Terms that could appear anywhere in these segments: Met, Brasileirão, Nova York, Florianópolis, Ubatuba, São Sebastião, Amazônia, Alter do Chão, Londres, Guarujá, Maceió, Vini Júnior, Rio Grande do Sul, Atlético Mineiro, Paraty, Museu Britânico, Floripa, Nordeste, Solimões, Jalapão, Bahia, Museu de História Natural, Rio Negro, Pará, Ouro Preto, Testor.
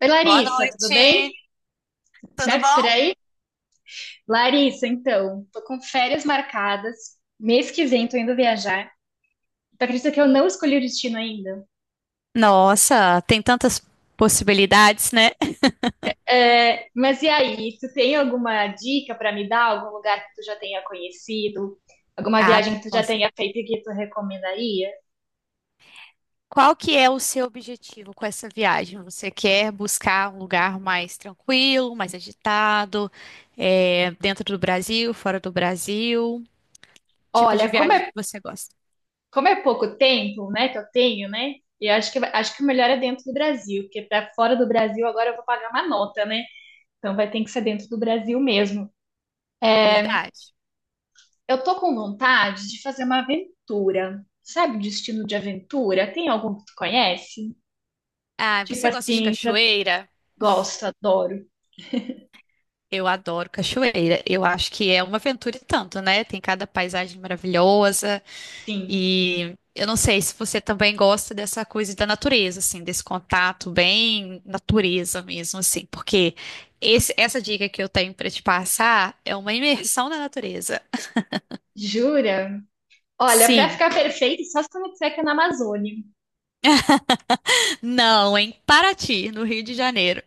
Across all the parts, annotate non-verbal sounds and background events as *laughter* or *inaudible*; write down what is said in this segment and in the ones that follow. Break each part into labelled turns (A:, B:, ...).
A: Oi,
B: Boa
A: Larissa, tudo bem?
B: noite, tudo
A: Certo por
B: bom?
A: aí? Larissa, então, tô com férias marcadas. Mês que vem tô indo viajar. Tu acredita que eu não escolhi o destino ainda?
B: Nossa, tem tantas possibilidades, né? *laughs*
A: É, mas e aí, tu tem alguma dica pra me dar? Algum lugar que tu já tenha conhecido? Alguma
B: Ah,
A: viagem que tu já
B: nossa.
A: tenha feito e que tu recomendaria?
B: Qual que é o seu objetivo com essa viagem? Você quer buscar um lugar mais tranquilo, mais agitado, dentro do Brasil, fora do Brasil? Tipo de
A: Olha,
B: viagem que você gosta?
A: como é pouco tempo, né, que eu tenho, né? E acho que, acho que o melhor é dentro do Brasil, porque pra fora do Brasil agora eu vou pagar uma nota, né? Então vai ter que ser dentro do Brasil mesmo.
B: É
A: É,
B: verdade.
A: eu tô com vontade de fazer uma aventura. Sabe, destino de aventura? Tem algum que tu conhece?
B: Ah,
A: Tipo
B: você gosta de
A: assim, pra...
B: cachoeira?
A: gosto, adoro.
B: Eu adoro cachoeira. Eu acho que é uma aventura e tanto, né? Tem cada paisagem maravilhosa.
A: Sim.
B: E eu não sei se você também gosta dessa coisa da natureza, assim, desse contato bem natureza mesmo, assim, porque essa dica que eu tenho pra te passar é uma imersão na natureza.
A: Jura? Olha, pra
B: Sim,
A: ficar perfeito, só se tu me disser que é na Amazônia.
B: não, em Paraty, no Rio de Janeiro.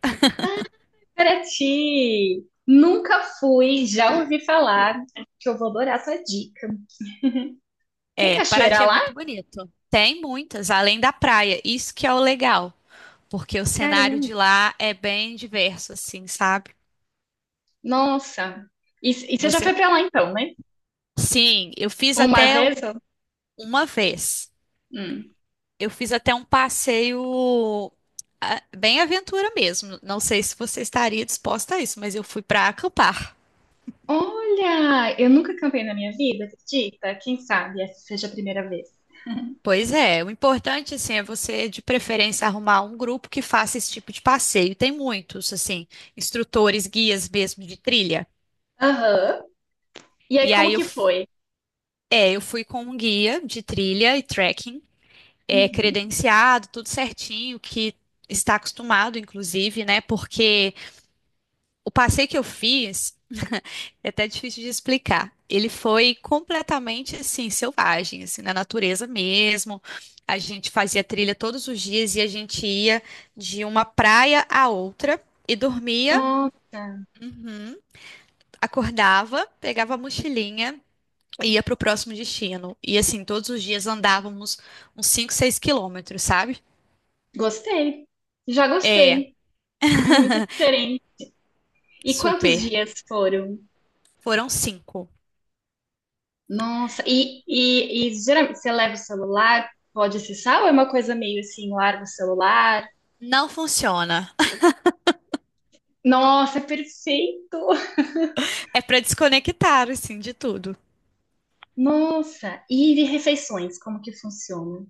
A: Paraty! Nunca fui, já ouvi falar. Acho que eu vou adorar essa dica. Tem
B: É,
A: cachoeira
B: Paraty é
A: lá?
B: muito bonito. Tem muitas, além da praia. Isso que é o legal, porque o cenário
A: Caramba!
B: de lá é bem diverso, assim, sabe?
A: Nossa! E você já foi
B: Você,
A: pra lá então, né?
B: sim, eu fiz
A: Uma
B: até um-
A: vez? Ó?
B: uma vez.
A: Hum.
B: Eu fiz até um passeio bem aventura mesmo. Não sei se você estaria disposta a isso, mas eu fui para acampar.
A: Olha, eu nunca cantei na minha vida, acredita? Quem sabe essa seja a primeira vez.
B: Pois é, o importante assim é você de preferência arrumar um grupo que faça esse tipo de passeio. Tem muitos assim, instrutores, guias mesmo de trilha.
A: Aham. E
B: E
A: aí, como
B: aí
A: que foi?
B: eu fui com um guia de trilha e trekking, é
A: Uhum.
B: credenciado, tudo certinho, que está acostumado inclusive, né? Porque o passeio que eu fiz *laughs* é até difícil de explicar. Ele foi completamente assim, selvagem, assim, na natureza mesmo. A gente fazia trilha todos os dias e a gente ia de uma praia à outra e dormia,
A: Nossa,
B: uhum, acordava, pegava a mochilinha e ia para o próximo destino. E assim, todos os dias andávamos uns 5, 6 quilômetros, sabe?
A: gostei. Já
B: É,
A: gostei. É muito diferente. E quantos
B: super.
A: dias foram?
B: Foram cinco.
A: Nossa, e geralmente você leva o celular, pode acessar, ou é uma coisa meio assim, larga o celular?
B: Não funciona. *laughs*
A: Nossa, é perfeito!
B: É para desconectar, assim, de tudo.
A: Nossa, e de refeições, como que funciona?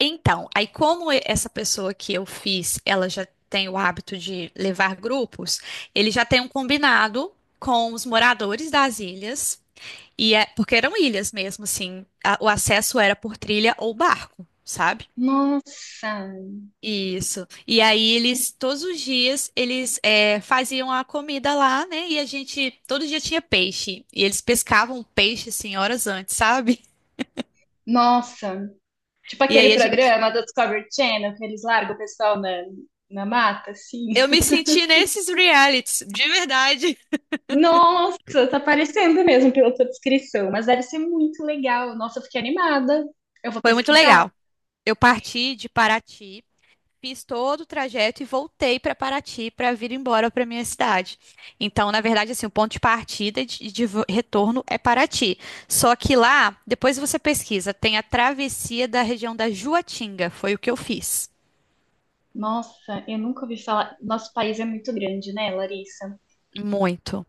B: Então, aí essa pessoa que eu fiz, ela já tem o hábito de levar grupos, ele já tem um combinado com os moradores das ilhas, e porque eram ilhas mesmo, assim, o acesso era por trilha ou barco, sabe?
A: Nossa,
B: Isso. E aí eles, todos os dias, eles faziam a comida lá, né? E a gente, todo dia tinha peixe. E eles pescavam peixe, assim, horas antes, sabe?
A: nossa. Tipo
B: E
A: aquele
B: aí a gente,
A: programa do Discovery Channel que eles largam o pessoal na, na mata, assim.
B: eu me senti nesses realities, de verdade.
A: Nossa, tá parecendo mesmo pela tua descrição, mas deve ser muito legal. Nossa, eu fiquei animada. Eu vou
B: Foi muito
A: pesquisar.
B: legal. Eu parti de Paraty, fiz todo o trajeto e voltei para Paraty para vir embora para minha cidade. Então, na verdade, assim, o ponto de partida e de retorno é Paraty. Só que lá, depois você pesquisa, tem a travessia da região da Juatinga. Foi o que eu fiz.
A: Nossa, eu nunca ouvi falar. Nosso país é muito grande, né, Larissa?
B: Muito.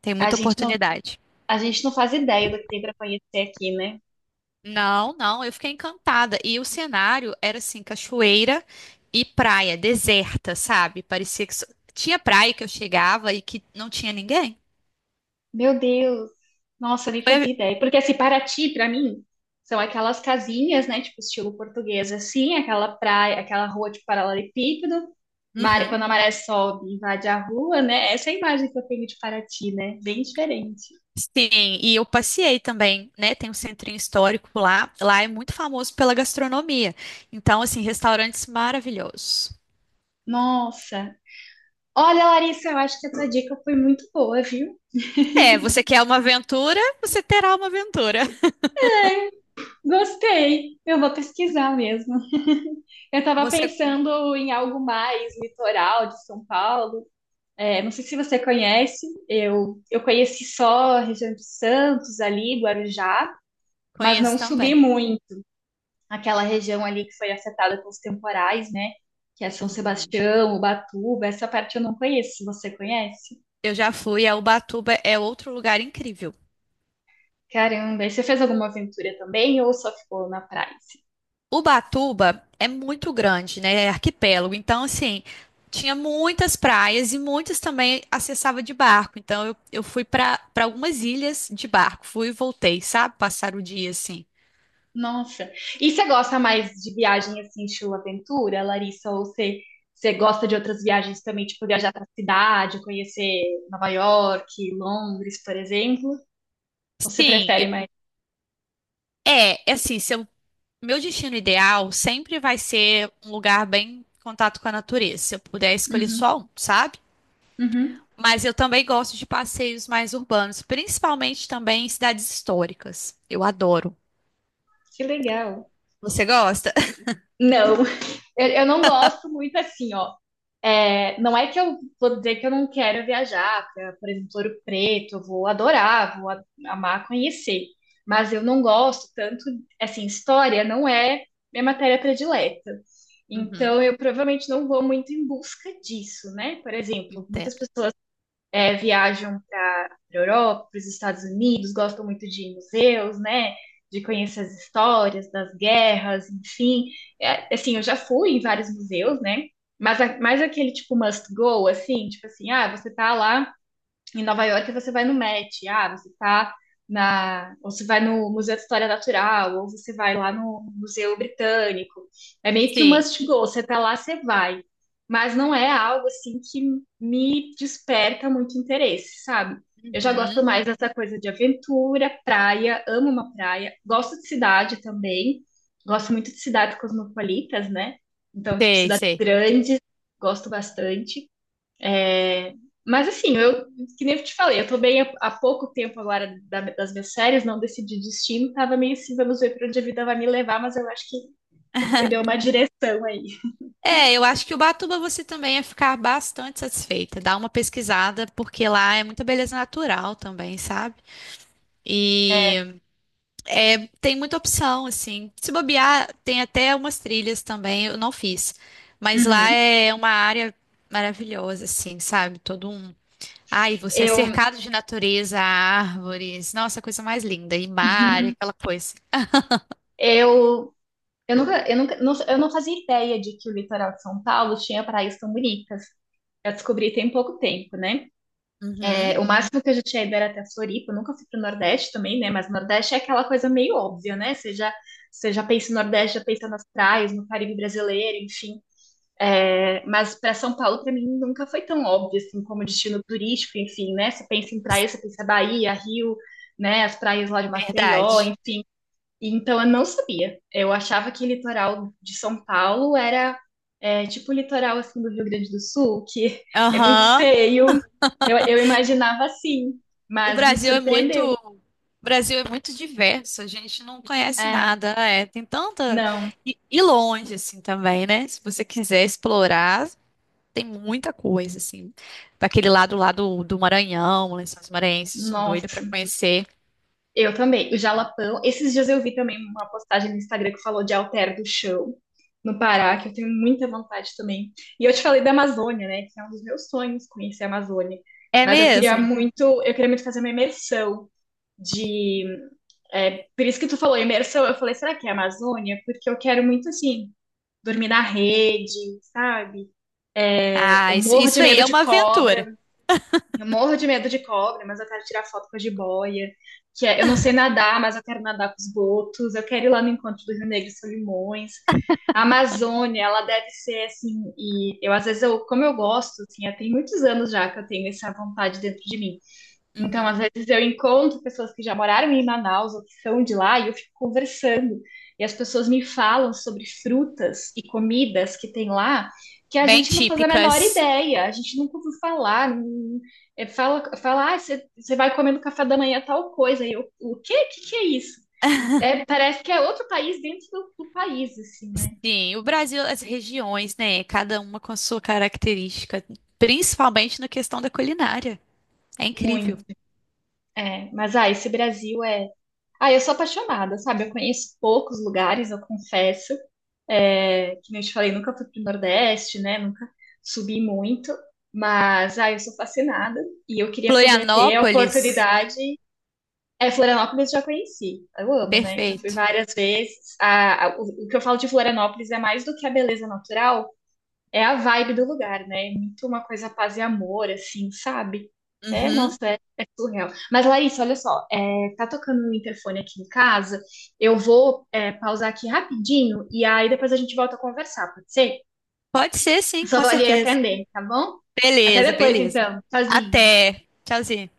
B: Tem
A: A
B: muita
A: gente não,
B: oportunidade.
A: a gente não faz ideia do que tem pra conhecer aqui, né?
B: Não, não, eu fiquei encantada. E o cenário era assim, cachoeira e praia, deserta, sabe? Tinha praia que eu chegava e que não tinha ninguém.
A: Meu Deus. Nossa, eu nem fazia
B: Foi-
A: ideia. Porque assim, Paraty, pra mim, são aquelas casinhas, né, tipo estilo português, assim, aquela praia, aquela rua de paralelepípedo,
B: Uhum.
A: quando a maré sobe e invade a rua, né? Essa é a imagem que eu tenho de Paraty, né? Bem diferente.
B: Sim, e eu passeei também, né? Tem um centrinho histórico lá. Lá é muito famoso pela gastronomia. Então, assim, restaurantes maravilhosos.
A: Nossa! Olha, Larissa, eu acho que essa dica foi muito boa, viu?
B: É, você quer uma aventura? Você terá uma aventura. *laughs*
A: Gostei! Eu vou pesquisar mesmo. Eu estava
B: Você
A: pensando em algo mais litoral de São Paulo. É, não sei se você conhece, eu conheci só a região de Santos ali, Guarujá, mas
B: conhece
A: não subi
B: também.
A: muito. Aquela região ali que foi afetada pelos temporais, né? Que é São
B: Uhum.
A: Sebastião, Ubatuba, essa parte eu não conheço, você conhece?
B: Eu já fui, a Ubatuba é outro lugar incrível.
A: Caramba, e você fez alguma aventura também ou só ficou na praia? Assim?
B: Ubatuba é muito grande, né? É arquipélago. Então, assim, tinha muitas praias e muitas também acessava de barco. Então, eu fui para algumas ilhas de barco. Fui e voltei, sabe? Passar o dia assim.
A: Nossa, e você gosta mais de viagem assim, estilo aventura, Larissa? Você gosta de outras viagens também, tipo viajar pra cidade, conhecer Nova York, Londres, por exemplo? Ou você
B: Sim,
A: prefere mais?
B: é assim, meu destino ideal sempre vai ser um lugar bem em contato com a natureza, se eu puder escolher
A: Uhum,
B: só um, sabe?
A: uhum.
B: Mas eu também gosto de passeios mais urbanos, principalmente também em cidades históricas. Eu adoro.
A: Que legal.
B: Você gosta? *laughs*
A: Não, *laughs* eu não gosto muito assim, ó. É, não é que eu vou dizer que eu não quero viajar para, por exemplo, Ouro Preto, eu vou adorar, amar conhecer, mas eu não gosto tanto, assim, história não é minha matéria predileta.
B: Uhum,
A: Então, eu provavelmente não vou muito em busca disso, né? Por exemplo, muitas
B: entendo.
A: pessoas viajam para a Europa, para os Estados Unidos, gostam muito de museus, né? De conhecer as histórias das guerras, enfim. É, assim, eu já fui em vários museus, né? Mas mais aquele tipo must go, assim, tipo assim, ah, você tá lá em Nova York você vai no Met, ah, você tá na, ou você vai no Museu de História Natural, ou você vai lá no Museu Britânico. É meio que um
B: Sim,
A: must go, você tá lá, você vai. Mas não é algo assim que me desperta muito interesse, sabe? Eu já gosto
B: uhum,
A: mais dessa coisa de aventura, praia, amo uma praia, gosto de cidade também, gosto muito de cidades cosmopolitas, né? Então, tipo,
B: sei,
A: cidades
B: sei.
A: grandes, gosto bastante. É, mas assim, que nem eu te falei, eu tô bem há pouco tempo agora das minhas séries, não decidi destino, tava meio assim, vamos ver pra onde a vida vai me levar, mas eu acho que tu me deu uma direção aí.
B: É, eu acho que Ubatuba você também ia ficar bastante satisfeita. Dá uma pesquisada, porque lá é muita beleza natural também, sabe? E tem muita opção, assim. Se bobear, tem até umas trilhas também, eu não fiz. Mas lá
A: Uhum.
B: é uma área maravilhosa, assim, sabe? Todo um. Ai, você é
A: Eu,
B: cercado de natureza, árvores. Nossa, coisa mais linda. E mar, e
A: *laughs*
B: aquela coisa.
A: eu, eu nunca, eu não fazia ideia de que o litoral de São Paulo tinha praias tão bonitas. Eu descobri tem pouco tempo, né?
B: Uhum.
A: É, o máximo que eu já tinha ido era até Floripa, eu nunca fui pro Nordeste também, né? Mas o Nordeste é aquela coisa meio óbvia, né? Você já pensa no Nordeste, já pensa nas praias, no Caribe brasileiro, enfim. É, mas para São Paulo, para mim, nunca foi tão óbvio assim como destino turístico, enfim, né? Você pensa em praia, você pensa Bahia, Rio, né? As praias lá de Maceió,
B: Verdade.
A: enfim. Então, eu não sabia. Eu achava que litoral de São Paulo era tipo o litoral assim do Rio Grande do Sul, que *laughs* é muito
B: Aham.
A: feio. Eu imaginava assim,
B: O
A: mas me
B: Brasil é muito,
A: surpreendeu.
B: o Brasil é muito diverso, a gente não conhece
A: É,
B: nada, é, tem tanta
A: não,
B: e longe assim também, né? Se você quiser explorar, tem muita coisa assim. Pra aquele lado lá do Maranhão, Lençóis Maranhenses, sou doida para
A: nossa,
B: conhecer.
A: eu também. O Jalapão, esses dias eu vi também uma postagem no Instagram que falou de Alter do Chão, no Pará, que eu tenho muita vontade também. E eu te falei da Amazônia, né? Que é um dos meus sonhos conhecer a Amazônia.
B: É
A: Mas
B: mesmo?
A: eu queria muito fazer uma imersão de é, por isso que tu falou imersão, eu falei, será que é Amazônia? Porque eu quero muito, assim, dormir na rede, sabe? Eu
B: Ah,
A: morro de
B: isso aí
A: medo
B: é
A: de
B: uma aventura.
A: cobra, eu morro de medo de cobra, mas eu quero tirar foto com a jiboia, que é, eu não sei nadar, mas eu quero nadar com os botos, eu quero ir lá no encontro do Rio Negro e Solimões. A Amazônia, ela deve ser assim, e eu às vezes eu, como eu gosto, assim, já tem muitos anos já que eu tenho essa vontade dentro de mim. Então, às
B: Uhum.
A: vezes eu encontro pessoas que já moraram em Manaus ou que são de lá e eu fico conversando. E as pessoas me falam sobre frutas e comidas que tem lá que a
B: Bem
A: gente não faz a menor
B: típicas.
A: ideia, a gente nunca ouviu falar. É, fala, fala, ah, você vai comer no café da manhã tal coisa. E eu, o quê? O que que é isso? É, parece que é outro país dentro do país, assim, né?
B: Sim, o Brasil, as regiões, né? Cada uma com a sua característica, principalmente na questão da culinária. É incrível.
A: Muito. É, mas ah, esse Brasil é. Ah, eu sou apaixonada, sabe? Eu conheço poucos lugares, eu confesso. É, que nem eu te falei, nunca fui pro Nordeste, né? Nunca subi muito, mas ah, eu sou fascinada e eu queria poder ter a
B: Florianópolis?
A: oportunidade. É, Florianópolis eu já conheci, eu amo, né? Já fui
B: Perfeito.
A: várias vezes. O que eu falo de Florianópolis é mais do que a beleza natural, é a vibe do lugar, né? É muito uma coisa paz e amor, assim, sabe? É, nossa,
B: Uhum.
A: é, é surreal. Mas, Larissa, olha só, é, tá tocando um interfone aqui em casa. Eu vou, é, pausar aqui rapidinho e aí depois a gente volta a conversar, pode ser?
B: Pode ser, sim,
A: Só
B: com
A: vou ali
B: certeza.
A: atender, tá bom? Até
B: Beleza,
A: depois,
B: beleza.
A: então. Tchauzinho.
B: Até. Tchauzinho.